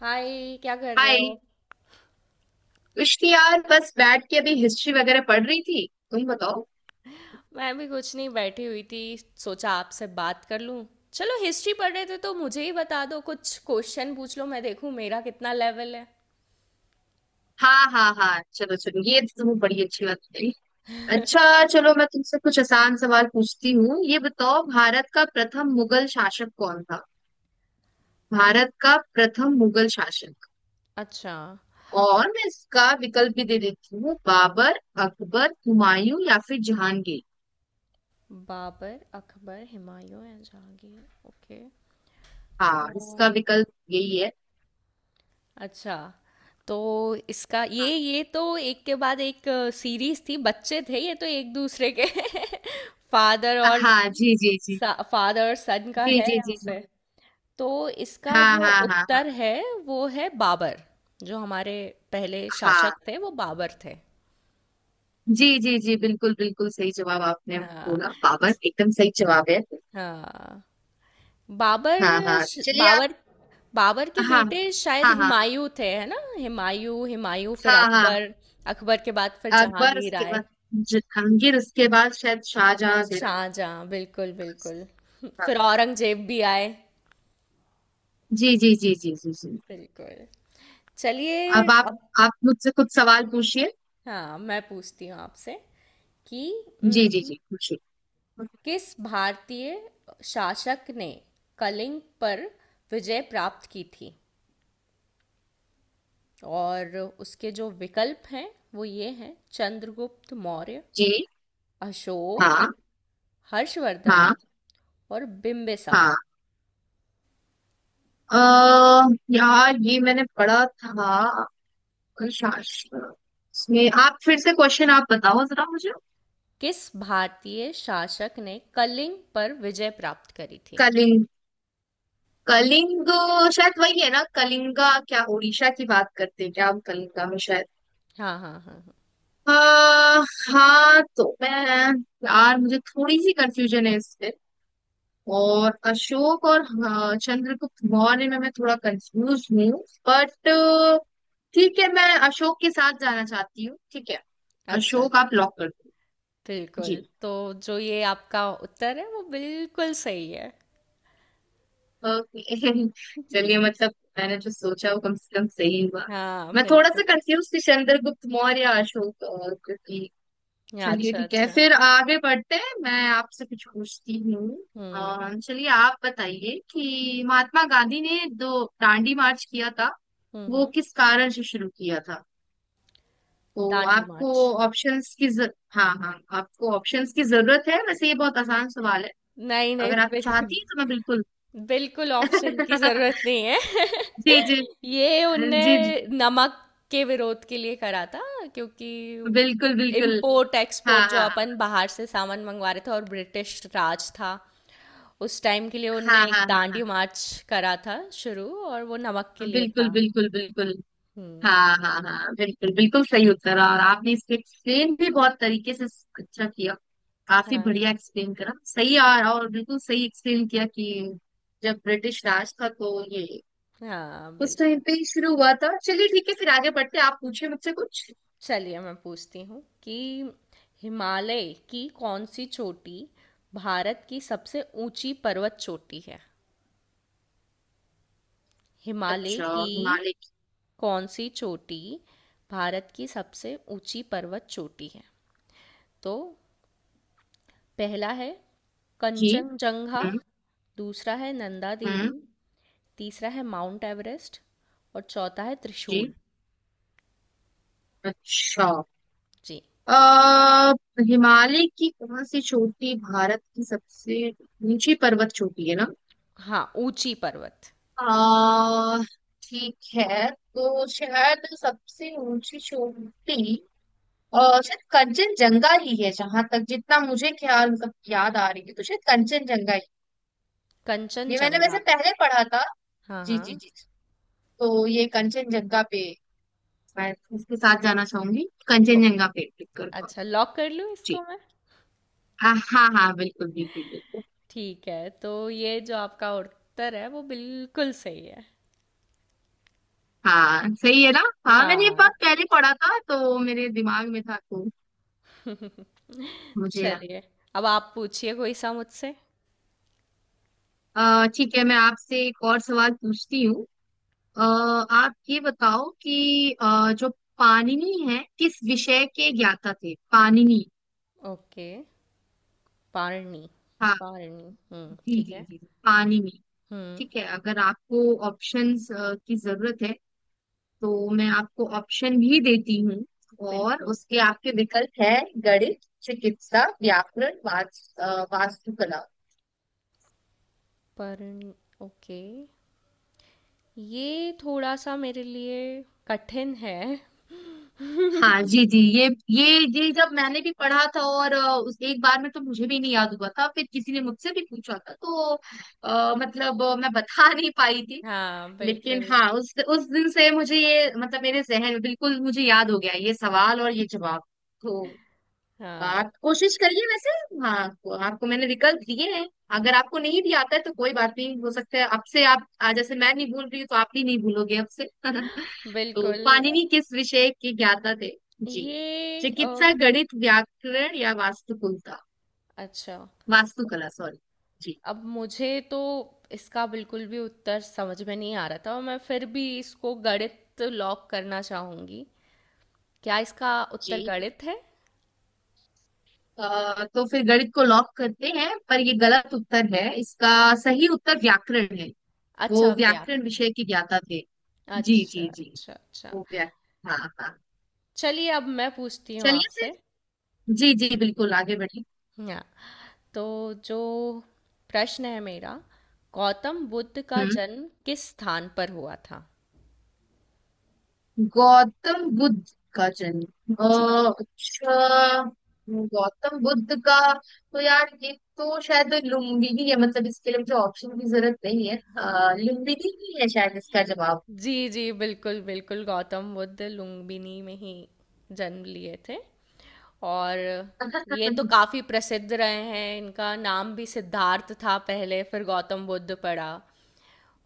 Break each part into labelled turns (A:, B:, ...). A: हाय, क्या कर रहे
B: हाय।
A: हो।
B: कुछ नहीं यार, बस बैठ के अभी हिस्ट्री वगैरह पढ़ रही थी। तुम बताओ।
A: मैं भी कुछ नहीं, बैठी हुई थी। सोचा आपसे बात कर लूं। चलो, हिस्ट्री पढ़ रहे थे तो मुझे ही बता दो, कुछ क्वेश्चन पूछ लो, मैं देखूं मेरा कितना लेवल है।
B: हाँ हाँ हाँ, चलो चलो, ये तो तुम्हें बड़ी अच्छी बात बताई। अच्छा, चलो मैं तुमसे कुछ आसान सवाल पूछती हूँ। ये बताओ, भारत का प्रथम मुगल शासक कौन था? भारत का प्रथम मुगल शासक।
A: अच्छा।
B: और मैं इसका विकल्प भी दे देती हूँ। बाबर, अकबर, हुमायूं या फिर जहांगीर।
A: बाबर, अकबर, हुमायूं या जहांगीर। ओके। ओ।
B: हाँ, इसका विकल्प यही है।
A: अच्छा। तो इसका ये तो एक के बाद एक सीरीज थी, बच्चे थे, ये तो एक दूसरे के फादर और
B: हाँ, जी जी जी
A: सन का
B: जी
A: है
B: जी जी
A: यहाँ
B: जी।
A: पे। तो इसका
B: हाँ
A: जो
B: हाँ हाँ हाँ।
A: उत्तर है, वो है बाबर। जो हमारे पहले शासक
B: हाँ
A: थे, वो बाबर थे।
B: जी जी जी, बिल्कुल बिल्कुल सही जवाब आपने
A: हाँ।
B: बोला। पावर
A: इस-
B: एकदम सही जवाब है।
A: हाँ।
B: हाँ हाँ, चलिए आप।
A: बाबर। बाबर के
B: हाँ
A: बेटे शायद
B: हाँ हाँ
A: हुमायूं थे, है ना। हुमायूं, हुमायूं फिर
B: हाँ। हाँ,
A: अकबर। अकबर के बाद फिर
B: अकबर
A: जहांगीर
B: उसके
A: आए।
B: बाद, जहांगीर उसके बाद शायद शाहजहां थे ना।
A: शाहजहां, बिल्कुल बिल्कुल।
B: हाँ,
A: फिर औरंगजेब भी आए।
B: जी जी जी जी जी जी।
A: बिल्कुल। चलिए
B: अब आप
A: अब।
B: आप मुझसे कुछ सवाल पूछिए।
A: हाँ, मैं पूछती हूँ आपसे कि
B: जी जी जी, पूछिए।
A: किस भारतीय शासक ने कलिंग पर विजय प्राप्त की थी। और उसके जो विकल्प हैं वो ये हैं — चंद्रगुप्त मौर्य,
B: जी,
A: अशोक,
B: हाँ
A: हर्षवर्धन
B: हाँ
A: और बिम्बिसार।
B: हाँ। अः यार ये मैंने पढ़ा था, शास्त्र। इसमें आप फिर से क्वेश्चन आप बताओ जरा मुझे।
A: किस भारतीय शासक ने कलिंग पर विजय प्राप्त करी थी।
B: कलिंग, कलिंग। शायद वही है ना, कलिंगा क्या, उड़ीसा की बात करते हैं क्या हम, कलिंगा में शायद।
A: हाँ हाँ हाँ हाँ।
B: हाँ हाँ, तो मैं, यार मुझे थोड़ी सी कंफ्यूजन है इस पे। और अशोक, और हाँ, चंद्रगुप्त मौर्य में मैं थोड़ा कंफ्यूज हूँ। बट ठीक है, मैं अशोक के साथ जाना चाहती हूँ। ठीक है?
A: अच्छा।
B: अशोक आप लॉक कर दो।
A: बिल्कुल।
B: जी।
A: तो जो ये आपका उत्तर है, वो बिल्कुल सही है।
B: ओके चलिए, मतलब मैंने जो सोचा वो कम से कम सही हुआ।
A: हाँ
B: मैं थोड़ा
A: बिल्कुल।
B: सा कंफ्यूज थी चंद्रगुप्त मौर्य या अशोक, क्योंकि। चलिए
A: अच्छा
B: ठीक है,
A: अच्छा।
B: फिर आगे बढ़ते हैं। मैं आपसे कुछ पूछती हूँ।
A: हम्म।
B: चलिए, आप बताइए कि महात्मा गांधी ने जो दांडी मार्च किया था
A: हम्म
B: वो
A: हम्म,
B: किस कारण से शुरू किया था? तो
A: दांडी मार्च।
B: आपको ऑप्शंस की हाँ हाँ, आपको ऑप्शंस की जरूरत है? वैसे ये बहुत आसान सवाल है।
A: नहीं नहीं
B: अगर आप
A: बिल,
B: चाहती हैं तो मैं बिल्कुल
A: बिल्कुल ऑप्शन की जरूरत नहीं है।
B: जी जी
A: ये उनने
B: जी जी,
A: नमक के विरोध के लिए करा था। क्योंकि
B: बिल्कुल बिल्कुल।
A: इम्पोर्ट
B: हाँ
A: एक्सपोर्ट जो
B: हाँ
A: अपन बाहर से सामान मंगवा रहे थे, और ब्रिटिश राज था उस टाइम के लिए,
B: हाँ
A: उनने एक
B: हाँ हाँ हाँ
A: दांडी मार्च करा था शुरू, और वो नमक के
B: हाँ,
A: लिए
B: बिल्कुल
A: था।
B: बिल्कुल बिल्कुल।
A: हम्म।
B: हाँ हाँ हाँ, बिल्कुल बिल्कुल सही उत्तर। और आपने इसको एक्सप्लेन भी बहुत तरीके से अच्छा किया। काफी
A: हाँ
B: बढ़िया एक्सप्लेन करा, सही और बिल्कुल सही एक्सप्लेन किया कि जब ब्रिटिश राज था तो ये
A: हाँ
B: उस टाइम
A: बिल्कुल।
B: पे ही शुरू हुआ था। चलिए ठीक है फिर आगे बढ़ते हैं। आप पूछे मुझसे कुछ।
A: चलिए मैं पूछती हूँ कि हिमालय की कौन सी चोटी भारत की सबसे ऊंची पर्वत चोटी है। हिमालय
B: अच्छा,
A: की
B: हिमालय की।
A: कौन सी चोटी भारत की सबसे ऊंची पर्वत चोटी है। तो पहला है
B: जी,
A: कंचनजंगा,
B: हम्म
A: दूसरा है नंदा देवी,
B: हम्म,
A: तीसरा है माउंट एवरेस्ट और चौथा है
B: जी,
A: त्रिशूल।
B: अच्छा।
A: जी।
B: अः हिमालय की कौन सी चोटी भारत की सबसे ऊंची पर्वत चोटी है ना?
A: हाँ, ऊंची पर्वत।
B: आ, ठीक है, तो शायद सबसे ऊंची चोटी और शायद कंचनजंगा ही है, जहां तक जितना मुझे ख्याल, मतलब याद आ रही है, तो शायद कंचनजंगा ही। ये मैंने वैसे
A: कंचनजंगा।
B: पहले पढ़ा था।
A: हाँ
B: जी जी
A: हाँ।
B: जी। तो ये कंचनजंगा पे, मैं इसके साथ जाना चाहूंगी,
A: ओ,
B: कंचनजंगा पे क्लिक कर पाऊँ।
A: अच्छा, लॉक कर लूँ
B: जी,
A: इसको।
B: हाँ हाँ हाँ, बिल्कुल बिल्कुल बिल्कुल।
A: ठीक है, तो ये जो आपका उत्तर है वो बिल्कुल सही है।
B: हाँ सही है ना? हाँ, मैंने ये
A: हाँ।
B: बात पहले पढ़ा था तो मेरे दिमाग में था, तो मुझे याद।
A: चलिए अब आप पूछिए कोई सा मुझसे।
B: ठीक है, मैं आपसे एक और सवाल पूछती हूँ। आप ये बताओ कि जो पाणिनि है किस विषय के ज्ञाता थे, पाणिनि?
A: ओके। पारणी।
B: हाँ,
A: पारणी, हम्म,
B: जी
A: ठीक
B: जी जी
A: है।
B: जी, पाणिनि।
A: हम्म।
B: ठीक है, अगर आपको ऑप्शंस की जरूरत है तो मैं आपको ऑप्शन भी देती हूँ। और
A: बिल्कुल।
B: उसके आपके विकल्प है — गणित, चिकित्सा, व्याकरण, वास्तुकला।
A: पारणी, ओके। ये थोड़ा सा मेरे लिए कठिन है।
B: हाँ जी जी, ये जब मैंने भी पढ़ा था, और उस एक बार में तो मुझे भी नहीं याद हुआ था, फिर किसी ने मुझसे भी पूछा था तो, मतलब मैं बता नहीं पाई थी।
A: हाँ
B: लेकिन
A: बिल्कुल।
B: हाँ, उस दिन से मुझे ये, मतलब मेरे जहन में बिल्कुल मुझे याद हो गया ये सवाल और ये जवाब। तो
A: हाँ
B: आप कोशिश करिए वैसे। हाँ, आपको मैंने विकल्प दिए हैं। अगर आपको नहीं भी आता है तो कोई बात नहीं, हो सकता है अब से आप, आज जैसे मैं नहीं भूल रही हूँ तो आप भी नहीं भूलोगे अब से तो
A: बिल्कुल।
B: पाणिनि किस विषय के ज्ञाता थे? जी,
A: ये अ,
B: चिकित्सा, गणित, व्याकरण या वास्तुकुलता
A: अच्छा।
B: वास्तुकला सॉरी। जी
A: अब मुझे तो इसका बिल्कुल भी उत्तर समझ में नहीं आ रहा, था और मैं फिर भी इसको गणित लॉक करना चाहूंगी। क्या इसका उत्तर
B: जी।
A: गणित है।
B: तो फिर गणित को लॉक करते हैं, पर ये गलत उत्तर है इसका। सही उत्तर व्याकरण है। वो
A: अच्छा,
B: व्याकरण
A: व्याकरण।
B: विषय के ज्ञाता थे। जी
A: अच्छा
B: जी जी,
A: अच्छा अच्छा।
B: वो व्याकरण, हाँ हाँ।
A: चलिए अब मैं पूछती हूँ
B: चलिए फिर,
A: आपसे।
B: जी जी, बिल्कुल आगे बढ़िए।
A: हाँ। तो जो प्रश्न है मेरा — गौतम बुद्ध का
B: हम्म,
A: जन्म किस स्थान पर हुआ था।
B: गौतम बुद्ध का जन्म,
A: जी।
B: अच्छा, गौतम बुद्ध का। तो यार ये तो शायद लुम्बिनी है, मतलब इसके लिए मुझे ऑप्शन की जरूरत नहीं है, लुम्बिनी ही है शायद इसका जवाब।
A: जी जी, बिल्कुल बिल्कुल। गौतम बुद्ध लुम्बिनी में ही जन्म लिए थे। और ये तो काफी प्रसिद्ध रहे हैं। इनका नाम भी सिद्धार्थ था पहले, फिर गौतम बुद्ध पड़ा।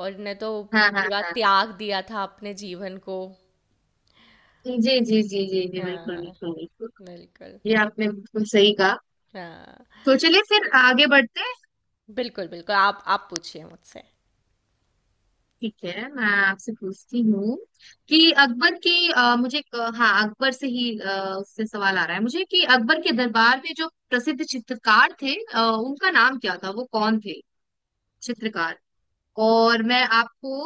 A: और इन्हें तो
B: हाँ हाँ
A: पूरा
B: हाँ,
A: त्याग दिया था अपने जीवन को।
B: जी जी जी जी जी, बिल्कुल
A: हाँ
B: बिल्कुल बिल्कुल,
A: बिल्कुल।
B: ये आपने बिल्कुल सही कहा।
A: हाँ
B: तो चलिए फिर आगे बढ़ते हैं।
A: बिल्कुल बिल्कुल। आप पूछिए मुझसे।
B: ठीक है, मैं आपसे पूछती हूँ कि अकबर की, मुझे एक, हाँ, अकबर से ही, उससे सवाल आ रहा है मुझे कि
A: हम्म।
B: अकबर के दरबार में जो प्रसिद्ध चित्रकार थे, उनका नाम क्या था, वो कौन थे? चित्रकार। और मैं आपको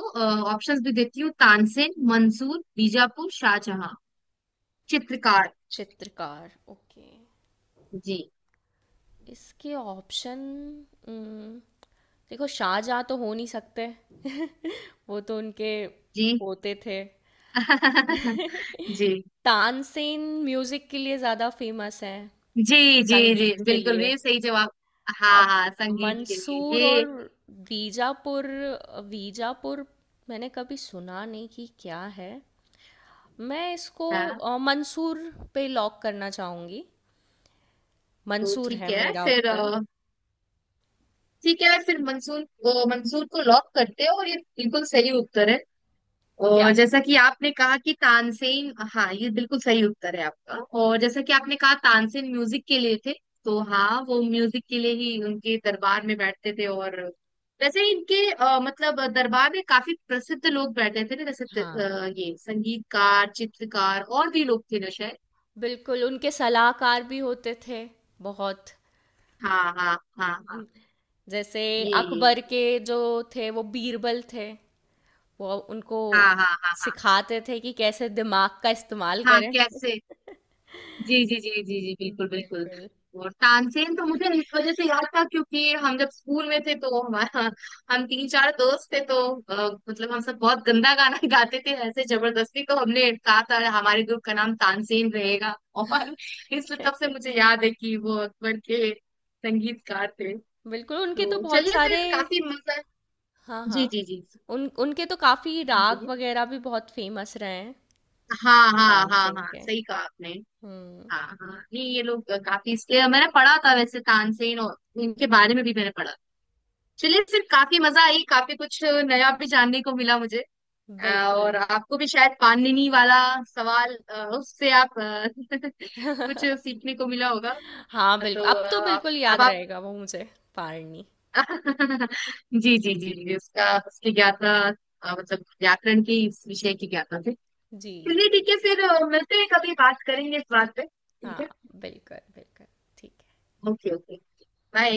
B: ऑप्शंस भी देती हूँ — तानसेन, मंसूर, बीजापुर, शाहजहां। चित्रकार।
A: चित्रकार, ओके।
B: जी
A: इसके ऑप्शन — देखो, शाहजहाँ तो हो नहीं सकते। वो तो उनके
B: जी
A: पोते थे।
B: जी
A: तानसेन म्यूजिक के लिए ज्यादा फेमस है।
B: जी जी जी,
A: संगीत के
B: बिल्कुल,
A: लिए।
B: ये सही जवाब। हाँ
A: अब
B: हाँ, संगीत के लिए
A: मंसूर और
B: ये।
A: वीजापुर। वीजापुर मैंने कभी सुना नहीं कि क्या है। मैं इसको
B: हाँ,
A: मंसूर पे लॉक करना चाहूंगी।
B: तो
A: मंसूर है
B: ठीक है
A: मेरा
B: फिर,
A: उत्तर।
B: ठीक है फिर मंसूर, मंसूर को लॉक करते हो, और ये बिल्कुल सही उत्तर है।
A: क्या।
B: और जैसा कि आपने कहा कि तानसेन, हाँ, ये बिल्कुल सही उत्तर है आपका। और जैसा कि आपने कहा, तानसेन म्यूजिक के लिए थे। तो हाँ, वो म्यूजिक के लिए ही उनके दरबार में बैठते थे, और वैसे ही इनके, मतलब दरबार में काफी प्रसिद्ध लोग बैठे थे ना, जैसे
A: हाँ
B: ये संगीतकार, चित्रकार और भी लोग थे ना शायद।
A: बिल्कुल, उनके सलाहकार भी होते थे बहुत।
B: हाँ हाँ हाँ हाँ,
A: जैसे
B: ये,
A: अकबर के जो थे वो बीरबल थे। वो उनको
B: हाँ हाँ हाँ हाँ
A: सिखाते थे कि कैसे दिमाग का इस्तेमाल
B: हाँ
A: करें।
B: कैसे, जी जी जी जी जी, बिल्कुल बिल्कुल।
A: बिल्कुल।
B: और तानसेन तो मुझे इस वजह से याद था क्योंकि हम जब स्कूल में थे तो हमारा हम तीन चार दोस्त थे, तो अ, मतलब हम सब बहुत गंदा गाना गाते थे ऐसे जबरदस्ती, तो हमने कहा था हमारे ग्रुप का नाम तानसेन रहेगा और इस तब से मुझे याद है कि वो अकबर के संगीतकार थे।
A: बिल्कुल, उनके तो
B: तो
A: बहुत
B: चलिए
A: सारे।
B: फिर काफी मजा,
A: हाँ हाँ।
B: जी जी जी जी
A: उन उनके तो काफी
B: जी,
A: राग
B: बोलिए।
A: वगैरह भी बहुत फेमस रहे हैं।
B: हाँ हाँ हाँ
A: डांसिंग
B: हाँ,
A: के।
B: सही कहा आपने।
A: हम्म।
B: हाँ हाँ हाँ। नहीं, ये लोग काफी, इसलिए मैंने पढ़ा था वैसे तानसेन, और इनके बारे में भी मैंने पढ़ा। चलिए फिर, काफी मजा आई, काफी कुछ नया भी जानने को मिला मुझे। अ,
A: बिल्कुल।
B: और आपको भी शायद पाणिनि वाला सवाल, उससे आप कुछ सीखने को मिला होगा।
A: हाँ बिल्कुल,
B: तो
A: अब तो
B: आप,
A: बिल्कुल
B: अब
A: याद
B: आप
A: रहेगा वो मुझे। पारनी।
B: जी जी जी जी, उसका उसकी ज्ञाता, मतलब व्याकरण की, इस विषय की ज्ञाता थे।
A: जी।
B: चलिए ठीक है फिर, मिलते हैं कभी, बात करेंगे इस बात पे, ठीक
A: हाँ
B: है।
A: बिल्कुल बिल्कुल। ठीक है।
B: Okay okay, bye.